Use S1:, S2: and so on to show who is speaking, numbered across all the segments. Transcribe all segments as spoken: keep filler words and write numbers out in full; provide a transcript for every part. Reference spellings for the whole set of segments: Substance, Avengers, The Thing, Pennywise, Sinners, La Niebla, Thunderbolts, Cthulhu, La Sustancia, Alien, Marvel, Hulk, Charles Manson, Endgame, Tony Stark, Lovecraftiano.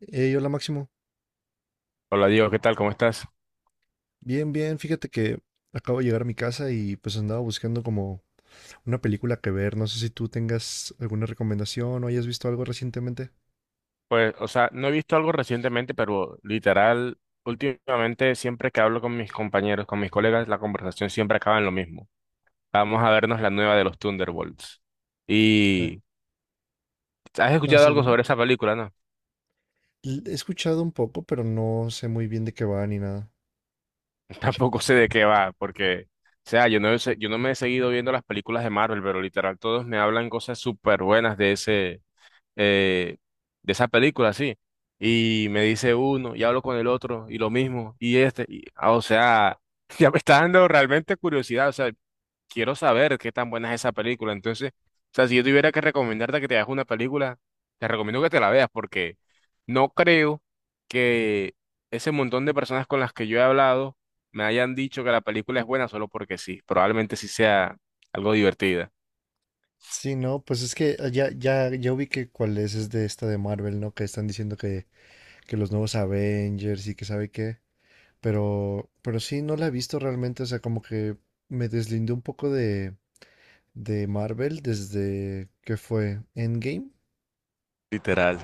S1: Hey, hola Máximo.
S2: Hola Diego, ¿qué tal? ¿Cómo estás?
S1: Bien, bien. Fíjate que acabo de llegar a mi casa y pues andaba buscando como una película que ver. No sé si tú tengas alguna recomendación o hayas visto algo recientemente.
S2: Pues, o sea, no he visto algo recientemente, pero literal, últimamente siempre que hablo con mis compañeros, con mis colegas, la conversación siempre acaba en lo mismo. Vamos a vernos la nueva de los Thunderbolts.
S1: Eh,
S2: Y ¿has
S1: No,
S2: escuchado
S1: sí,
S2: algo
S1: dime.
S2: sobre esa película? No,
S1: L- He escuchado un poco, pero no sé muy bien de qué va ni nada.
S2: tampoco sé de qué va, porque, o sea, yo no, he se- yo no me he seguido viendo las películas de Marvel, pero literal todos me hablan cosas súper buenas de ese, eh, de esa película, sí. Y me dice uno, y hablo con el otro, y lo mismo, y este, y- ah, o sea, ya me está dando realmente curiosidad, o sea, quiero saber qué tan buena es esa película. Entonces, o sea, si yo tuviera que recomendarte que te veas una película, te recomiendo que te la veas, porque no creo que ese montón de personas con las que yo he hablado me hayan dicho que la película es buena solo porque sí, probablemente sí sea algo divertida.
S1: Sí, no, pues es que eh, ya, ya, ya ubiqué cuál es, es de esta de Marvel, ¿no? Que están diciendo que, que los nuevos Avengers y que sabe qué. Pero, pero sí, no la he visto realmente. O sea, como que me deslindé un poco de de Marvel desde que fue Endgame.
S2: Literal,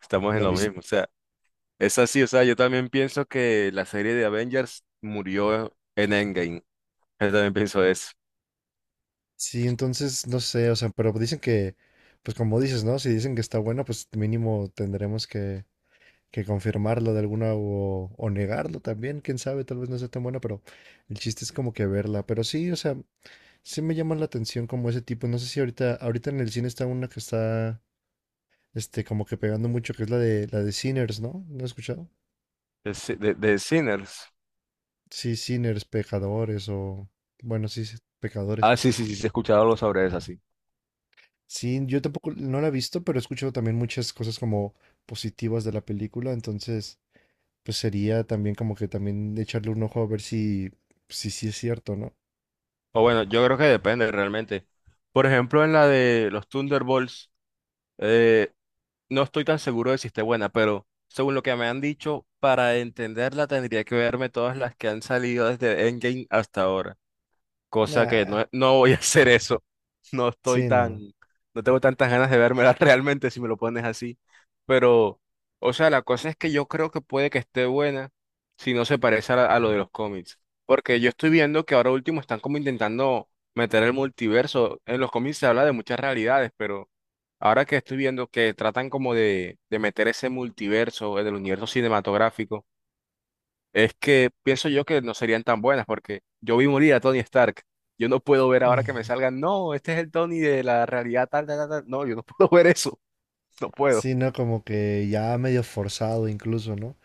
S2: estamos en
S1: ¿La
S2: lo
S1: viste?
S2: mismo. O sea, es así, o sea, yo también pienso que la serie de Avengers murió en Endgame. Yo también pienso eso.
S1: Sí, entonces no sé, o sea, pero dicen que, pues como dices, ¿no? Si dicen que está bueno, pues mínimo tendremos que, que confirmarlo de alguna o, o negarlo también, quién sabe, tal vez no sea tan bueno, pero el chiste es como que verla. Pero sí, o sea, sí me llaman la atención como ese tipo. No sé si ahorita, ahorita en el cine está una que está, este, como que pegando mucho, que es la de la de Sinners, ¿no? ¿No has escuchado?
S2: De, Si- de- de Sinners.
S1: Sí, Sinners, pecadores o, bueno, sí, sí, pecadores.
S2: Ah, sí, sí, sí, sí, he escuchado algo sobre eso, sí.
S1: Sí, yo tampoco no la he visto, pero he escuchado también muchas cosas como positivas de la película, entonces pues sería también como que también echarle un ojo a ver si si sí es cierto, ¿no?
S2: O bueno, yo creo que depende realmente. Por ejemplo, en la de los Thunderbolts, eh, no estoy tan seguro de si esté buena, pero según lo que me han dicho, para entenderla tendría que verme todas las que han salido desde Endgame hasta ahora. Cosa que
S1: Nah,
S2: no, no voy a hacer eso. No estoy
S1: sí,
S2: tan,
S1: no.
S2: no tengo tantas ganas de vérmela realmente si me lo pones así. Pero, o sea, la cosa es que yo creo que puede que esté buena si no se parece a, la- a lo de los cómics. Porque yo estoy viendo que ahora último están como intentando meter el multiverso. En los cómics se habla de muchas realidades, pero ahora que estoy viendo que tratan como de, de meter ese multiverso, el del universo cinematográfico. Es que pienso yo que no serían tan buenas porque yo vi morir a Tony Stark. Yo no puedo ver ahora que
S1: Mm.
S2: me salgan, "no, este es el Tony de la realidad tal, tal, tal, tal". No, yo no puedo ver eso. No puedo.
S1: Sí, no, como que ya medio forzado incluso, ¿no?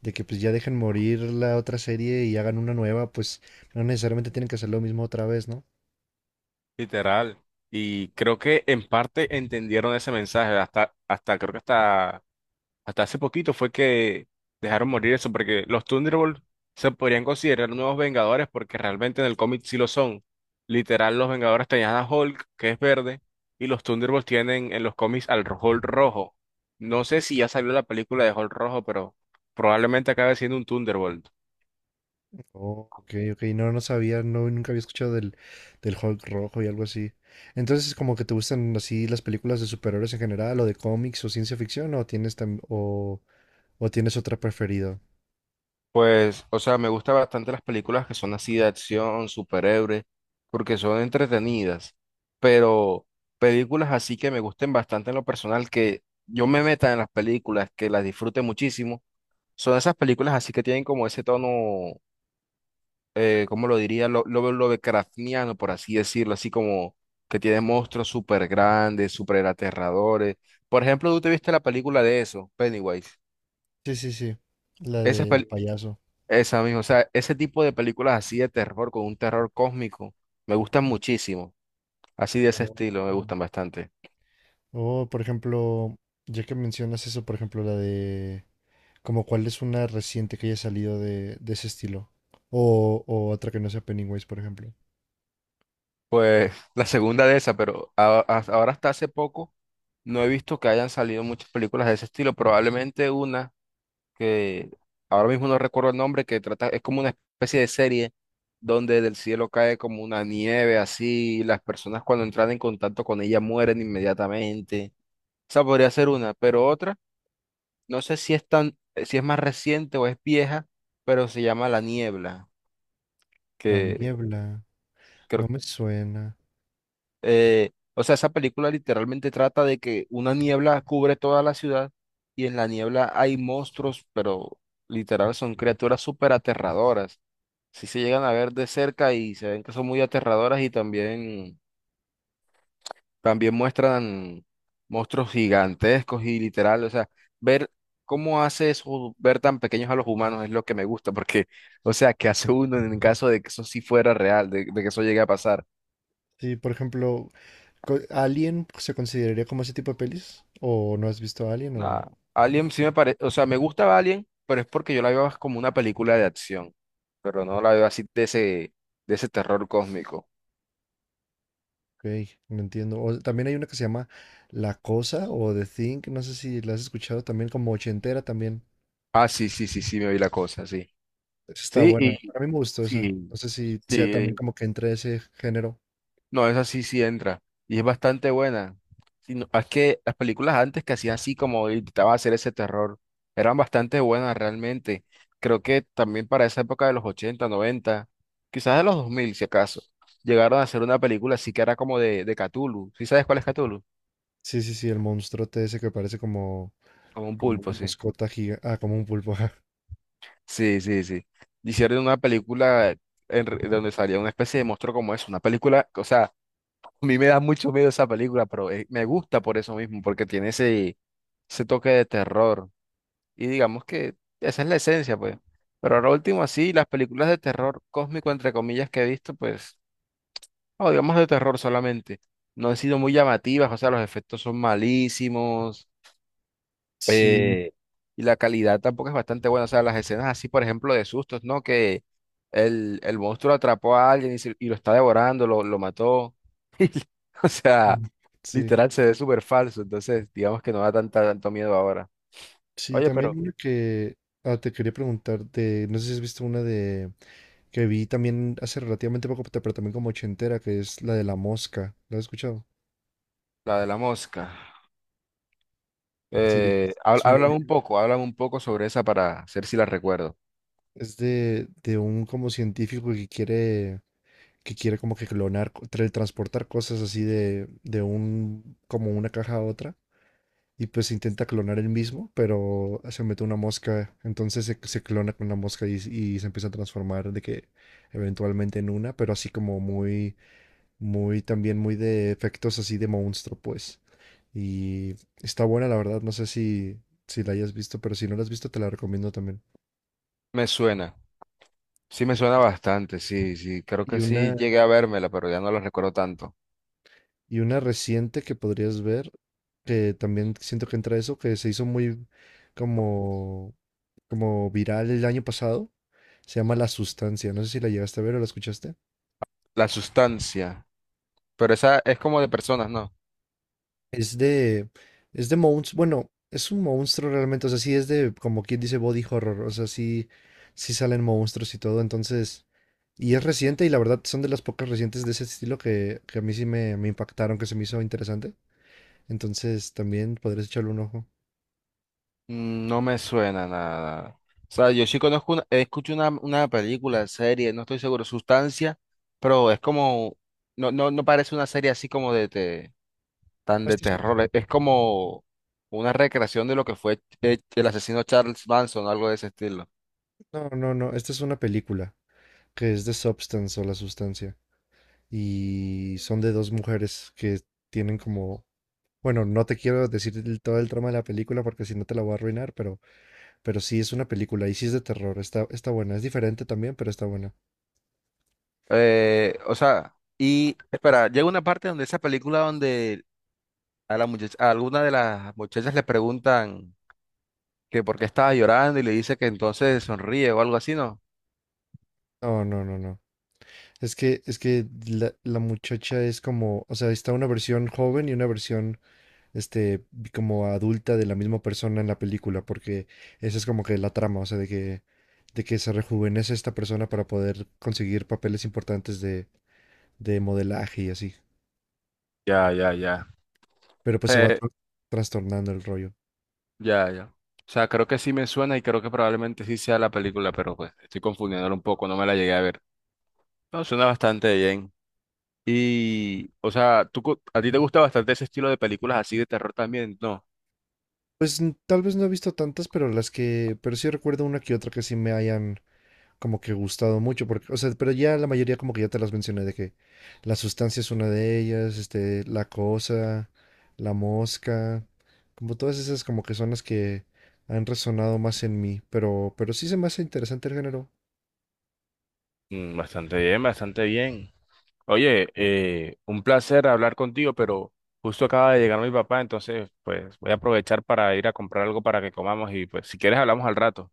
S1: De que pues ya dejen morir la otra serie y hagan una nueva, pues no necesariamente tienen que hacer lo mismo otra vez, ¿no?
S2: Literal. Y creo que en parte entendieron ese mensaje, hasta, hasta creo que hasta Hasta hace poquito fue que dejaron morir eso, porque los Thunderbolts se podrían considerar nuevos Vengadores, porque realmente en el cómic sí lo son. Literal, los Vengadores tenían a Hulk, que es verde, y los Thunderbolts tienen en los cómics al ro- Hulk rojo. No sé si ya salió la película de Hulk rojo, pero probablemente acabe siendo un Thunderbolt.
S1: Oh, ok, ok, no, no sabía, no, nunca había escuchado del, del Hulk rojo y algo así. Entonces, como que te gustan así las películas de superhéroes en general, o de cómics, o ciencia ficción, o tienes tam- o, o tienes otra preferida.
S2: Pues, o sea, me gustan bastante las películas que son así de acción, superhéroes, porque son entretenidas, pero películas así que me gusten bastante en lo personal, que yo me meta en las películas, que las disfrute muchísimo, son esas películas así que tienen como ese tono, eh, ¿cómo lo diría? Lo, lo, Lovecraftiano, por así decirlo, así como que tiene monstruos súper grandes, súper aterradores. Por ejemplo, ¿tú te viste la película de eso, Pennywise?
S1: Sí, sí, sí, la del payaso.
S2: Esa misma, o sea, ese tipo de películas así de terror, con un terror cósmico, me gustan muchísimo. Así de ese
S1: Oh.
S2: estilo, me gustan bastante.
S1: O, por ejemplo, ya que mencionas eso, por ejemplo, la de, como cuál es una reciente que haya salido de, de ese estilo, o, o otra que no sea Pennywise, por ejemplo.
S2: Pues la segunda de esa, pero a- a- ahora hasta hace poco no he visto que hayan salido muchas películas de ese estilo. Probablemente una que ahora mismo no recuerdo el nombre, que trata, es como una especie de serie donde del cielo cae como una nieve así, y las personas cuando entran en contacto con ella mueren inmediatamente. Esa podría ser una, pero otra. No sé si es tan, si es más reciente o es vieja, pero se llama La Niebla,
S1: La
S2: que
S1: niebla,
S2: creo,
S1: no me suena.
S2: eh, o sea, esa película literalmente trata de que una niebla cubre toda la ciudad y en la niebla hay monstruos, pero literal son criaturas súper aterradoras. Si se llegan a ver de cerca y se ven que son muy aterradoras y también También muestran monstruos gigantescos y literal, o sea, ver cómo hace eso, ver tan pequeños a los humanos es lo que me gusta, porque, o sea, ¿qué hace uno en caso de que eso sí fuera real, de, de que eso llegue a pasar?
S1: Sí, por ejemplo, Co- ¿Alien se consideraría como ese tipo de pelis? ¿O no has visto Alien? O...
S2: Nada. Alien sí me parece, o sea, me gusta Alien, pero es porque yo la veo como una película de acción, pero no
S1: Ok,
S2: la veo así de ese, de ese terror cósmico.
S1: no entiendo. O también hay una que se llama La Cosa o The Thing. No sé si la has escuchado también, como ochentera también.
S2: Ah, sí, sí, sí, sí, me vi la cosa, sí.
S1: Esa está
S2: Sí,
S1: buena.
S2: y
S1: A mí me gustó esa.
S2: sí,
S1: No sé si sea también
S2: sí.
S1: como que entre ese género.
S2: No, esa sí sí entra. Y es bastante buena. Sí, no, es que las películas antes que hacían así como intentaban hacer ese terror, eran bastante buenas realmente. Creo que también para esa época de los ochenta noventa quizás de los dos mil si acaso, llegaron a hacer una película así que era como de, de Cthulhu. ¿Sí sabes cuál es Cthulhu?
S1: Sí, sí, sí, el monstruote ese que parece como,
S2: Como un
S1: como
S2: pulpo,
S1: una
S2: sí.
S1: mascota gigante. Ah, como un pulpo. Ajá.
S2: Sí, sí, sí. Hicieron una película en re- donde salía una especie de monstruo como eso. Una película, o sea, a mí me da mucho miedo esa película, pero eh, me gusta por eso mismo, porque tiene ese ese toque de terror. Y digamos que esa es la esencia, pues. Pero ahora último, así, las películas de terror cósmico, entre comillas, que he visto, pues, o digamos de terror solamente, no han sido muy llamativas, o sea, los efectos son malísimos,
S1: Sí,
S2: eh, y la calidad tampoco es bastante buena, o sea, las escenas así, por ejemplo, de sustos, ¿no? Que el, el monstruo atrapó a alguien y, se- y lo está devorando, lo, lo mató, o sea,
S1: mm, sí.
S2: literal se ve súper falso, entonces, digamos que no da tanta, tanto miedo ahora.
S1: Sí,
S2: Oye,
S1: también
S2: pero
S1: una que ah, te quería preguntar de, no sé si has visto una de que vi también hace relativamente poco, pero también como ochentera, que es la de la mosca. ¿Lo has escuchado?
S2: la de la mosca.
S1: Sí, de-
S2: Eh, hab-
S1: es un
S2: háblame
S1: nombre.
S2: un poco, háblame un poco sobre esa para ver si la recuerdo.
S1: Es de, de un como científico que quiere, que quiere como que clonar, co- tra- transportar cosas así de, de un, como una caja a otra. Y pues intenta clonar él mismo, pero se mete una mosca, entonces se, se clona con la mosca y, y se empieza a transformar de que eventualmente en una, pero así como muy, muy, también muy de efectos así de monstruo, pues. Y está buena, la verdad. No sé si, si la hayas visto, pero si no la has visto, te la recomiendo también.
S2: Me suena, sí me suena bastante, sí, sí, creo
S1: Y
S2: que sí
S1: una,
S2: llegué a vérmela, pero ya no la recuerdo tanto.
S1: y una reciente que podrías ver, que también siento que entra eso, que se hizo muy como, como viral el año pasado. Se llama La Sustancia. No sé si la llegaste a ver o la escuchaste.
S2: La sustancia, pero esa es como de personas, ¿no?
S1: Es de, es de monstruos, bueno, es un monstruo realmente, o sea, sí es de, como quien dice, body horror, o sea, sí, sí salen monstruos y todo, entonces y es reciente y la verdad son de las pocas recientes de ese estilo que, que a mí sí me, me impactaron, que se me hizo interesante. Entonces también podrías echarle un ojo.
S2: Mm, no me suena nada. O sea, yo sí conozco una, escucho una, una película, serie, no estoy seguro, sustancia, pero es como, no, no, no parece una serie así como de, de tan de
S1: Esta es una-
S2: terror. Es es como una recreación de lo que fue eh, el asesino Charles Manson, algo de ese estilo.
S1: no, no, no, esta es una película que es de Substance o La Sustancia. Y son de dos mujeres que tienen como... Bueno, no te quiero decir el- todo el trama de la película porque si no te la voy a arruinar, pero Pero sí, es una película y sí es de terror. Está, está buena. Es diferente también, pero está buena.
S2: Eh, o sea, y espera, llega una parte donde esa película donde a la muchacha, a alguna de las muchachas le preguntan que por qué estaba llorando y le dice que entonces sonríe o algo así, ¿no?
S1: No, no, no, no. Es que, es que la, la muchacha es como, o sea, está una versión joven y una versión, este, como adulta de la misma persona en la película, porque esa es como que la trama, o sea, de que, de que se rejuvenece esta persona para poder conseguir papeles importantes de, de modelaje y así.
S2: Ya, ya, ya.
S1: Pero pues se va
S2: Eh,
S1: tra- trastornando el rollo.
S2: ya, ya. O sea, creo que sí me suena y creo que probablemente sí sea la película, pero pues estoy confundiéndola un poco, no me la llegué a ver. No, suena bastante bien. Y, o sea, ¿tú, co- a ti te gusta bastante ese estilo de películas así de terror también? No.
S1: Pues n- tal vez no he visto tantas, pero las que, pero sí recuerdo una que otra que sí me hayan como que gustado mucho, porque, o sea, pero ya la mayoría como que ya te las mencioné de que la sustancia es una de ellas, este, la cosa, la mosca, como todas esas como que son las que han resonado más en mí, pero, pero sí se me hace interesante el género.
S2: Mm, bastante bien, bastante bien. Oye, eh, un placer hablar contigo, pero justo acaba de llegar mi papá, entonces pues voy a aprovechar para ir a comprar algo para que comamos y pues si quieres hablamos al rato.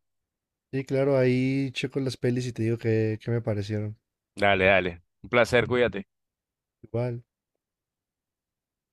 S1: Y claro, ahí checo las pelis y te digo que, que me parecieron.
S2: Dale, dale. Un placer, cuídate.
S1: Igual.